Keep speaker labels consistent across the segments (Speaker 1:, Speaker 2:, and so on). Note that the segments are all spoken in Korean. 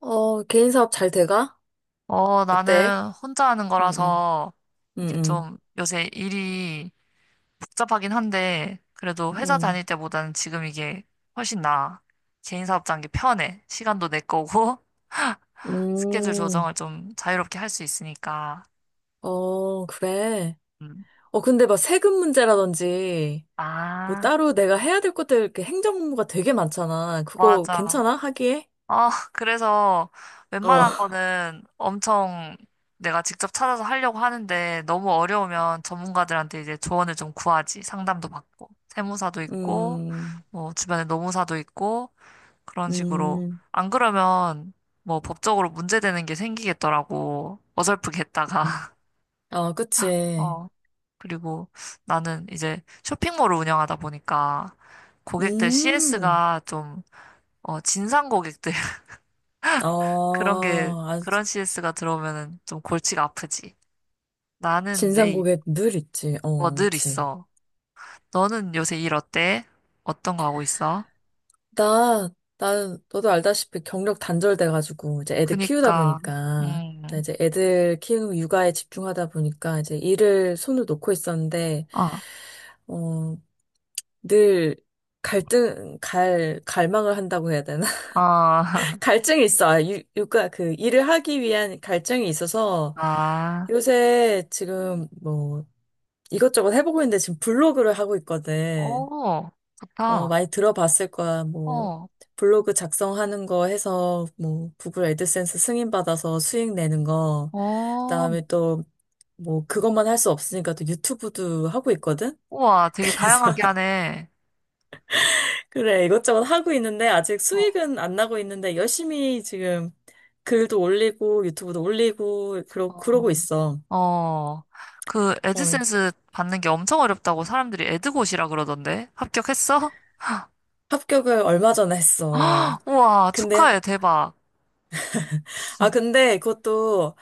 Speaker 1: 어, 개인 사업 잘 돼가?
Speaker 2: 어,
Speaker 1: 어때?
Speaker 2: 나는 혼자 하는
Speaker 1: 응, 응,
Speaker 2: 거라서 이게
Speaker 1: 응,
Speaker 2: 좀 요새 일이 복잡하긴 한데 그래도 회사
Speaker 1: 응,
Speaker 2: 다닐 때보다는 지금 이게 훨씬 나아. 개인 사업자인 게 편해. 시간도 내 거고
Speaker 1: 응.
Speaker 2: 스케줄 조정을 좀 자유롭게 할 수 있으니까.
Speaker 1: 어, 그래.
Speaker 2: 음.
Speaker 1: 어, 근데 막 세금 문제라든지, 뭐
Speaker 2: 아,
Speaker 1: 따로 내가 해야 될 것들, 이렇게 행정 업무가 되게 많잖아. 그거
Speaker 2: 맞아.
Speaker 1: 괜찮아? 하기에?
Speaker 2: 아, 그래서
Speaker 1: 어,
Speaker 2: 웬만한 거는 엄청 내가 직접 찾아서 하려고 하는데 너무 어려우면 전문가들한테 이제 조언을 좀 구하지. 상담도 받고. 세무사도 있고,
Speaker 1: 음,
Speaker 2: 뭐 주변에 노무사도 있고, 그런 식으로.
Speaker 1: 음.
Speaker 2: 안 그러면 뭐 법적으로 문제되는 게 생기겠더라고. 어설프게 했다가.
Speaker 1: 어, 그치.
Speaker 2: 어. 그리고 나는 이제 쇼핑몰을 운영하다 보니까 고객들
Speaker 1: 음,
Speaker 2: CS가 좀, 진상 고객들
Speaker 1: 어, 아,
Speaker 2: 그런 CS가 들어오면은 좀 골치가 아프지. 나는
Speaker 1: 진상 고
Speaker 2: 내,
Speaker 1: 객 늘 있지.
Speaker 2: 뭐
Speaker 1: 어,
Speaker 2: 늘
Speaker 1: 그치.
Speaker 2: 있어. 너는 요새 일 어때? 어떤 거 하고 있어?
Speaker 1: 나, 나, 너도 알다시피 경력 단절돼가지고, 이제 애들 키우다
Speaker 2: 그니까.
Speaker 1: 보니까, 나
Speaker 2: 음.
Speaker 1: 이제 애들 키우는 육아에 집중하다 보니까, 이제 일을 손을 놓고 있었는데,
Speaker 2: 어.
Speaker 1: 어, 늘 갈망을 한다고 해야 되나?
Speaker 2: 어.
Speaker 1: 갈증이 있어. 아, 육아, 그, 일을 하기 위한 갈증이 있어서,
Speaker 2: 아.
Speaker 1: 요새 지금 뭐, 이것저것 해보고 있는데, 지금 블로그를 하고 있거든.
Speaker 2: 오,
Speaker 1: 어,
Speaker 2: 좋다.
Speaker 1: 많이 들어봤을 거야. 뭐,
Speaker 2: 어.
Speaker 1: 블로그 작성하는 거 해서, 뭐, 구글 애드센스 승인받아서 수익 내는 거.
Speaker 2: 어.
Speaker 1: 그다음에 또, 뭐, 그것만 할 수 없으니까 또 유튜브도 하고 있거든?
Speaker 2: 우와, 되게
Speaker 1: 그래서,
Speaker 2: 다양하게 하네.
Speaker 1: 그래, 이것저것 하고 있는데, 아직
Speaker 2: 어.
Speaker 1: 수익은 안 나고 있는데, 열심히 지금 글도 올리고, 유튜브도 올리고,
Speaker 2: 어.
Speaker 1: 그러고 있어.
Speaker 2: 어. 그
Speaker 1: 어,
Speaker 2: 애드센스 받는 게 엄청 어렵다고 사람들이 애드고시라 그러던데? 합격했어?
Speaker 1: 합격을 얼마 전에 했어.
Speaker 2: 우와,
Speaker 1: 근데,
Speaker 2: 축하해, 대박.
Speaker 1: 아, 근데 그것도,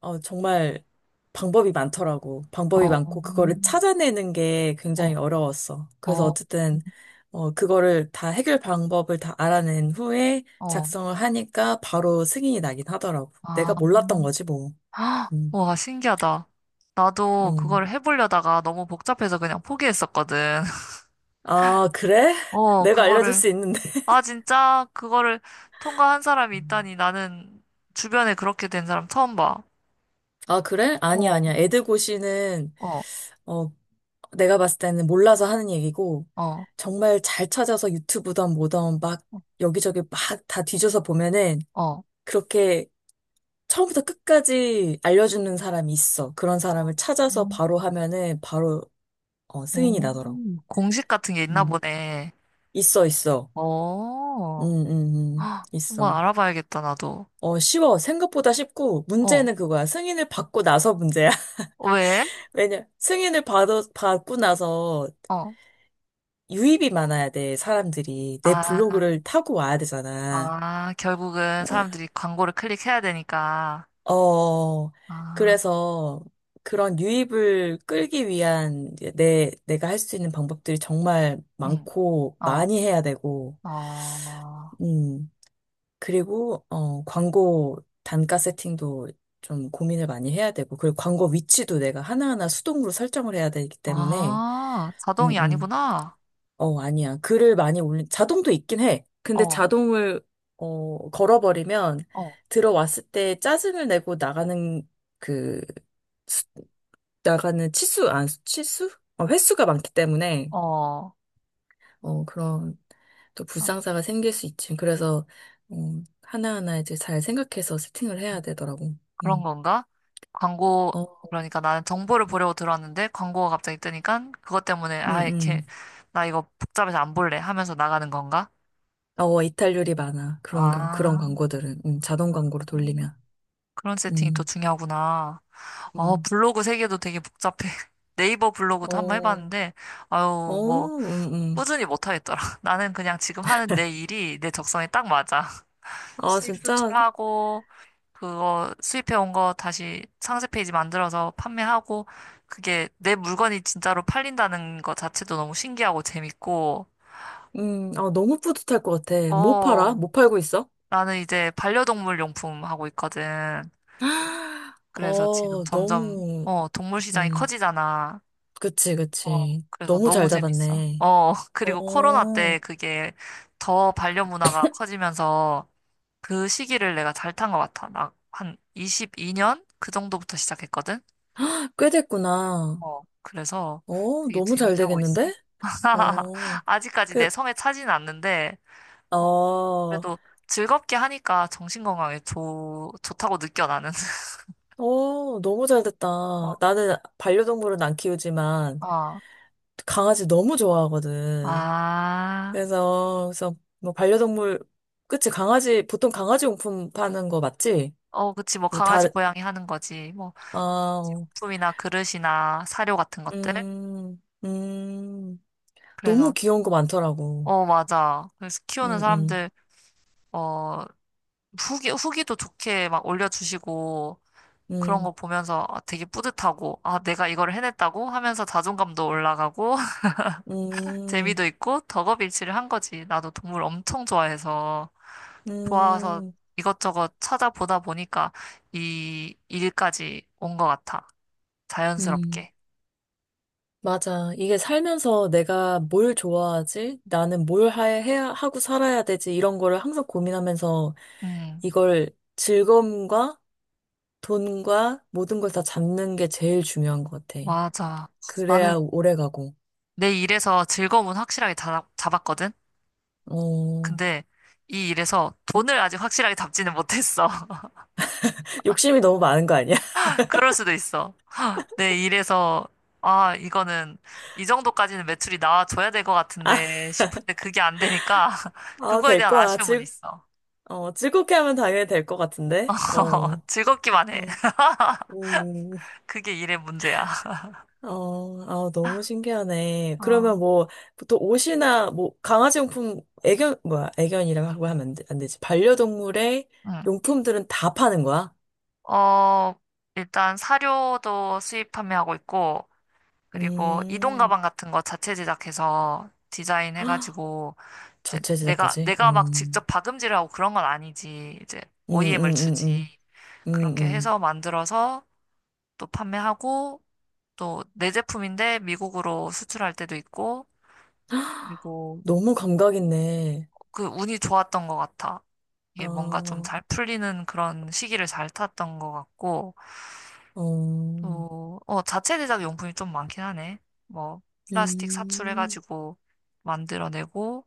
Speaker 1: 어, 정말 방법이 많더라고. 방법이
Speaker 2: 어.
Speaker 1: 많고, 그거를 찾아내는 게
Speaker 2: 어.
Speaker 1: 굉장히 어려웠어. 그래서
Speaker 2: 어.
Speaker 1: 어쨌든, 어, 그거를 다 해결 방법을 다 알아낸 후에
Speaker 2: 어.
Speaker 1: 작성을 하니까 바로 승인이 나긴 하더라고.
Speaker 2: 아.
Speaker 1: 내가 몰랐던 거지, 뭐.
Speaker 2: 아,
Speaker 1: 음,
Speaker 2: 와, 신기하다.
Speaker 1: 어.
Speaker 2: 나도 그거를 해보려다가 너무 복잡해서 그냥 포기했었거든.
Speaker 1: 아, 그래?
Speaker 2: 어,
Speaker 1: 내가 알려줄 수 있는데.
Speaker 2: 아, 진짜? 그거를 통과한 사람이
Speaker 1: 음.
Speaker 2: 있다니 나는 주변에 그렇게 된 사람 처음 봐.
Speaker 1: 아, 그래? 아니야,
Speaker 2: 어.
Speaker 1: 아니야. 애드고시는,
Speaker 2: 어.
Speaker 1: 어, 내가 봤을 때는 몰라서 하는 얘기고,
Speaker 2: 어.
Speaker 1: 정말 잘 찾아서 유튜브든 뭐든 막 여기저기 막 다 뒤져서 보면은
Speaker 2: 어.
Speaker 1: 그렇게 처음부터 끝까지 알려주는 사람이 있어. 그런
Speaker 2: 어.
Speaker 1: 사람을 찾아서
Speaker 2: 음.
Speaker 1: 바로 하면은 바로 어, 승인이 나더라고.
Speaker 2: 오, 공식 같은 게 있나
Speaker 1: 음.
Speaker 2: 보네.
Speaker 1: 있어, 있어. 음,
Speaker 2: 어.
Speaker 1: 음,
Speaker 2: 헉, 한번
Speaker 1: 있어.
Speaker 2: 알아봐야겠다, 나도.
Speaker 1: 어, 쉬워. 생각보다 쉽고,
Speaker 2: 어.
Speaker 1: 문제는 그거야. 승인을 받고 나서 문제야.
Speaker 2: 어, 왜?
Speaker 1: 왜냐, 받고 나서
Speaker 2: 어.
Speaker 1: 유입이 많아야 돼, 사람들이. 내
Speaker 2: 아.
Speaker 1: 블로그를 타고 와야 되잖아.
Speaker 2: 아, 결국은 사람들이 광고를 클릭해야 되니까.
Speaker 1: 어,
Speaker 2: 아.
Speaker 1: 그래서 그런 유입을 끌기 위한 이제 내가 할 수 있는 방법들이 정말
Speaker 2: 응.
Speaker 1: 많고
Speaker 2: 어.
Speaker 1: 많이 해야 되고,
Speaker 2: 어.
Speaker 1: 음, 그리고, 어, 광고 단가 세팅도 좀 고민을 많이 해야 되고, 그리고 광고 위치도 내가 하나하나 수동으로 설정을 해야 되기 때문에,
Speaker 2: 아,
Speaker 1: 음,
Speaker 2: 자동이
Speaker 1: 음,
Speaker 2: 아니구나.
Speaker 1: 어, 아니야. 글을 많이 올린, 자동도 있긴 해. 근데
Speaker 2: 어.
Speaker 1: 자동을, 어, 걸어버리면
Speaker 2: 어.
Speaker 1: 들어왔을 때 짜증을 내고 나가는 그, 나가는 치수, 아, 치수? 어, 횟수가 많기 때문에,
Speaker 2: 어.
Speaker 1: 어, 그런 또
Speaker 2: 아,
Speaker 1: 불상사가 생길 수 있지. 그래서, 어, 하나하나 이제 잘 생각해서 세팅을 해야 되더라고.
Speaker 2: 그런
Speaker 1: 음.
Speaker 2: 건가? 광고,
Speaker 1: 어,
Speaker 2: 그러니까 나는 정보를 보려고 들어왔는데 광고가 갑자기 뜨니까 그것 때문에,
Speaker 1: 음,
Speaker 2: 아, 이렇게,
Speaker 1: 음.
Speaker 2: 나 이거 복잡해서 안 볼래 하면서 나가는 건가?
Speaker 1: 어, 이탈률이 많아. 그런 경우, 그런
Speaker 2: 아,
Speaker 1: 광고들은. 자동 광고로 돌리면.
Speaker 2: 그런 세팅이 또
Speaker 1: 음,
Speaker 2: 중요하구나. 어,
Speaker 1: 음.
Speaker 2: 블로그 세계도 되게 복잡해. 네이버 블로그도 한번
Speaker 1: 어,
Speaker 2: 해봤는데,
Speaker 1: 어,
Speaker 2: 아유, 뭐, 꾸준히 못 하겠더라. 나는 그냥 지금 하는 내 일이 내 적성에 딱 맞아.
Speaker 1: 아,
Speaker 2: 수입
Speaker 1: 진짜,
Speaker 2: 수출하고, 그거 수입해 온 거 다시 상세 페이지 만들어서 판매하고, 그게 내 물건이 진짜로 팔린다는 거 자체도 너무 신기하고 재밌고,
Speaker 1: 아, 너무 뿌듯할 것 같아. 뭐
Speaker 2: 어,
Speaker 1: 팔아? 뭐 팔고 있어?
Speaker 2: 나는 이제 반려동물 용품 하고 있거든. 그래서 지금
Speaker 1: 어,
Speaker 2: 점점,
Speaker 1: 너무,
Speaker 2: 동물 시장이
Speaker 1: 음.
Speaker 2: 커지잖아.
Speaker 1: 그치,
Speaker 2: 어,
Speaker 1: 그치.
Speaker 2: 그래서
Speaker 1: 너무
Speaker 2: 너무
Speaker 1: 잘
Speaker 2: 재밌어.
Speaker 1: 잡았네.
Speaker 2: 어, 그리고 코로나
Speaker 1: 어,
Speaker 2: 때 그게 더 반려 문화가 커지면서 그 시기를 내가 잘 탄 것 같아. 나 한 22년? 그 정도부터 시작했거든?
Speaker 1: 꽤 됐구나.
Speaker 2: 어, 그래서
Speaker 1: 어,
Speaker 2: 되게
Speaker 1: 너무 잘
Speaker 2: 재밌게 하고 있어.
Speaker 1: 되겠는데? 어,
Speaker 2: 아직까지
Speaker 1: 그,
Speaker 2: 내 성에 차지는 않는데,
Speaker 1: 어,
Speaker 2: 어,
Speaker 1: 어,
Speaker 2: 그래도 즐겁게 하니까 정신건강에 좋다고 느껴, 나는.
Speaker 1: 너무 잘 됐다.
Speaker 2: 어.
Speaker 1: 나는 반려동물은 안 키우지만
Speaker 2: 어.
Speaker 1: 강아지 너무 좋아하거든.
Speaker 2: 아.
Speaker 1: 그래서, 그래서 뭐 반려동물, 그치, 강아지, 보통 강아지 용품 파는 거 맞지?
Speaker 2: 어, 그치, 뭐,
Speaker 1: 뭐
Speaker 2: 강아지,
Speaker 1: 다른,
Speaker 2: 고양이 하는 거지. 뭐,
Speaker 1: 아, 어,
Speaker 2: 용품이나 그릇이나 사료 같은 것들.
Speaker 1: 음, 음, 너무
Speaker 2: 그래서,
Speaker 1: 귀여운 거 많더라고.
Speaker 2: 어, 맞아. 그래서 키우는
Speaker 1: 음, 음,
Speaker 2: 사람들, 어, 후기도 좋게 막 올려주시고, 그런
Speaker 1: 음.
Speaker 2: 거 보면서 아, 되게 뿌듯하고, 아, 내가 이걸 해냈다고 하면서 자존감도 올라가고,
Speaker 1: 음,
Speaker 2: 재미도 있고, 덕업일치를 한 거지. 나도 동물 엄청 좋아해서, 좋아서
Speaker 1: 음,
Speaker 2: 이것저것 찾아보다 보니까 이 일까지 온 것 같아.
Speaker 1: 음.
Speaker 2: 자연스럽게.
Speaker 1: 맞아. 이게 살면서 내가 뭘 좋아하지? 나는 뭘 해야, 하고 살아야 되지? 이런 거를 항상 고민하면서
Speaker 2: 음,
Speaker 1: 이걸 즐거움과 돈과 모든 걸 다 잡는 게 제일 중요한 것 같아.
Speaker 2: 맞아.
Speaker 1: 그래야
Speaker 2: 나는
Speaker 1: 오래 가고.
Speaker 2: 내 일에서 즐거움은 확실하게 잡았거든?
Speaker 1: 어,
Speaker 2: 근데 이 일에서 돈을 아직 확실하게 잡지는 못했어.
Speaker 1: 욕심이 너무 많은 거 아니야?
Speaker 2: 그럴 수도 있어. 네, 아, 이 정도까지는 매출이 나와줘야 될 것 같은데 싶은데 그게 안 되니까,
Speaker 1: 아,
Speaker 2: 그거에
Speaker 1: 될
Speaker 2: 대한
Speaker 1: 거야.
Speaker 2: 아쉬움은 있어.
Speaker 1: 어, 즐겁게 하면 당연히 될 것 같은데? 어,
Speaker 2: 즐겁기만 해.
Speaker 1: 어, 음.
Speaker 2: 그게 일의 문제야.
Speaker 1: 어, 아, 너무 신기하네.
Speaker 2: 어.
Speaker 1: 그러면 뭐, 보통 옷이나, 뭐, 강아지 용품, 애견, 뭐야, 애견이라고 하고 하면 안 되지. 반려동물의
Speaker 2: 응.
Speaker 1: 용품들은 다 파는 거야?
Speaker 2: 어, 일단 사료도 수입 판매하고 있고, 그리고 이동
Speaker 1: 음,
Speaker 2: 가방 같은 거 자체 제작해서
Speaker 1: 헉,
Speaker 2: 디자인해가지고, 이제
Speaker 1: 자체
Speaker 2: 내가,
Speaker 1: 제작까지?
Speaker 2: 내가 막 직접 박음질을 하고 그런 건 아니지. 이제
Speaker 1: 음,
Speaker 2: OEM을
Speaker 1: 음, 음,
Speaker 2: 주지.
Speaker 1: 음, 음,
Speaker 2: 그렇게
Speaker 1: 음.
Speaker 2: 해서 만들어서 또 판매하고 또 내 제품인데 미국으로 수출할 때도 있고 그리고
Speaker 1: 너무 감각 있네.
Speaker 2: 그 운이 좋았던 것 같아.
Speaker 1: 아,
Speaker 2: 이게 뭔가 좀
Speaker 1: 어,
Speaker 2: 잘 풀리는 그런 시기를 잘 탔던 것 같고
Speaker 1: 음,
Speaker 2: 또 자체 제작 용품이 좀 많긴 하네. 뭐 플라스틱
Speaker 1: 음.
Speaker 2: 사출해가지고 만들어내고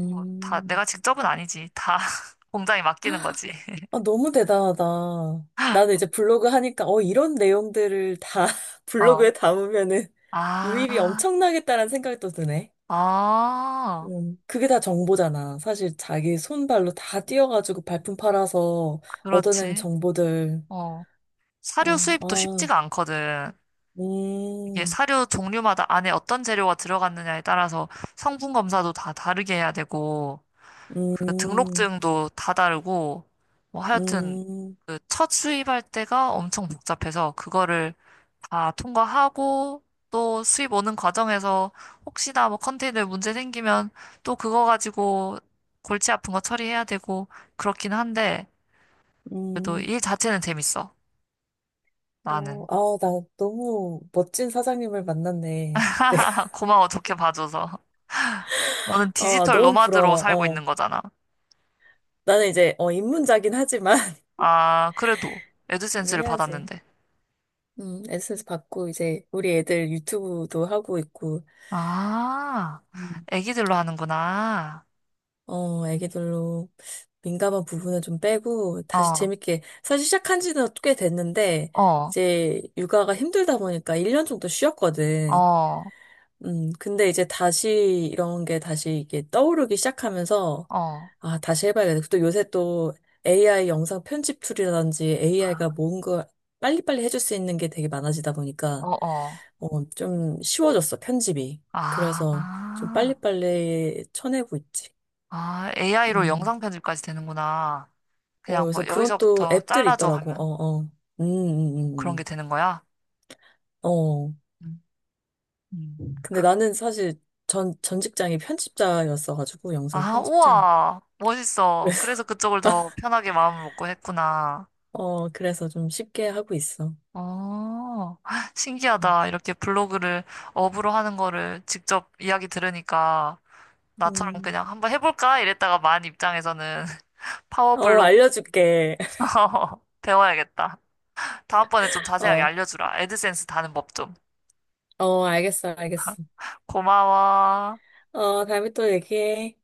Speaker 2: 뭐 다 내가 직접은 아니지. 다 공장에 맡기는 거지.
Speaker 1: 아, 너무 대단하다. 나는 이제 블로그 하니까, 어, 이런 내용들을 다
Speaker 2: 어.
Speaker 1: 블로그에 담으면은 유입이
Speaker 2: 아.
Speaker 1: 엄청나겠다라는 생각이 또 드네.
Speaker 2: 아,
Speaker 1: 그게 다 정보잖아. 사실 자기 손발로 다 뛰어가지고 발품 팔아서 얻어낸
Speaker 2: 그렇지.
Speaker 1: 정보들.
Speaker 2: 어. 사료
Speaker 1: 어,
Speaker 2: 수입도
Speaker 1: 아,
Speaker 2: 쉽지가 않거든. 이게
Speaker 1: 음,
Speaker 2: 사료 종류마다 안에 어떤 재료가 들어갔느냐에 따라서 성분 검사도 다 다르게 해야 되고, 그
Speaker 1: 음,
Speaker 2: 등록증도 다 다르고, 뭐 하여튼
Speaker 1: 음,
Speaker 2: 그 첫 수입할 때가 엄청 복잡해서 그거를 다 통과하고 또 수입 오는 과정에서 혹시나 뭐 컨테이너에 문제 생기면 또 그거 가지고 골치 아픈 거 처리해야 되고 그렇긴 한데 그래도
Speaker 1: 음.
Speaker 2: 일 자체는 재밌어.
Speaker 1: 어,
Speaker 2: 나는.
Speaker 1: 아, 나 너무 멋진 사장님을 만났네. 내가,
Speaker 2: 고마워, 좋게 봐줘서. 너는
Speaker 1: 어,
Speaker 2: 디지털
Speaker 1: 너무
Speaker 2: 노마드로
Speaker 1: 부러워.
Speaker 2: 살고
Speaker 1: 어,
Speaker 2: 있는 거잖아.
Speaker 1: 나는 이제, 어, 입문자긴 하지만.
Speaker 2: 아, 그래도 애드센스를
Speaker 1: 해야지.
Speaker 2: 받았는데.
Speaker 1: 에센스 받고 이제 우리 애들 유튜브도 하고 있고,
Speaker 2: 아,
Speaker 1: 음.
Speaker 2: 애기들로 하는구나.
Speaker 1: 어, 애기들로 민감한 부분은 좀 빼고 다시
Speaker 2: 어.
Speaker 1: 재밌게 사실 시작한 지는 꽤 됐는데
Speaker 2: 어.
Speaker 1: 이제 육아가 힘들다 보니까 1년 정도 쉬었거든.
Speaker 2: 어.
Speaker 1: 근데 이제 다시 이런 게 다시 이게 떠오르기 시작하면서
Speaker 2: 어.
Speaker 1: 아, 다시 해봐야겠다. 또 요새 또 AI 영상 편집 툴이라든지
Speaker 2: 아.
Speaker 1: AI가 뭔가 빨리빨리 해줄 수 있는 게 되게 많아지다
Speaker 2: 어.
Speaker 1: 보니까
Speaker 2: 어.
Speaker 1: 어, 좀 쉬워졌어, 편집이. 그래서
Speaker 2: 아.
Speaker 1: 좀 빨리빨리 쳐내고 있지.
Speaker 2: 아, AI로
Speaker 1: 음.
Speaker 2: 영상 편집까지 되는구나.
Speaker 1: 어,
Speaker 2: 그냥
Speaker 1: 그래서
Speaker 2: 뭐
Speaker 1: 그런 또
Speaker 2: 여기서부터
Speaker 1: 앱들이
Speaker 2: 잘라줘
Speaker 1: 있더라고.
Speaker 2: 하면
Speaker 1: 어, 어. 음, 음,
Speaker 2: 그런 게
Speaker 1: 음.
Speaker 2: 되는 거야.
Speaker 1: 음. 어.
Speaker 2: 음. 음.
Speaker 1: 근데 나는 사실 전 직장이 편집자였어가지고, 영상
Speaker 2: 아,
Speaker 1: 편집자.
Speaker 2: 우와, 멋있어.
Speaker 1: 그래서,
Speaker 2: 그래서 그쪽을 더 편하게 마음을 먹고 했구나.
Speaker 1: 어, 그래서 좀 쉽게 하고 있어.
Speaker 2: 어,
Speaker 1: 음.
Speaker 2: 신기하다. 이렇게 블로그를 업으로 하는 거를 직접 이야기 들으니까 나처럼
Speaker 1: 음.
Speaker 2: 그냥 한번 해볼까? 이랬다가 만 입장에서는 파워
Speaker 1: 어,
Speaker 2: 블로그
Speaker 1: 알려줄게.
Speaker 2: 배워야겠다. 다음번에 좀 자세하게
Speaker 1: 어,
Speaker 2: 알려주라. 애드센스 다는 법 좀.
Speaker 1: 어, 알겠어, 알겠어.
Speaker 2: 고마워.
Speaker 1: 어, 다음에 또 얘기해.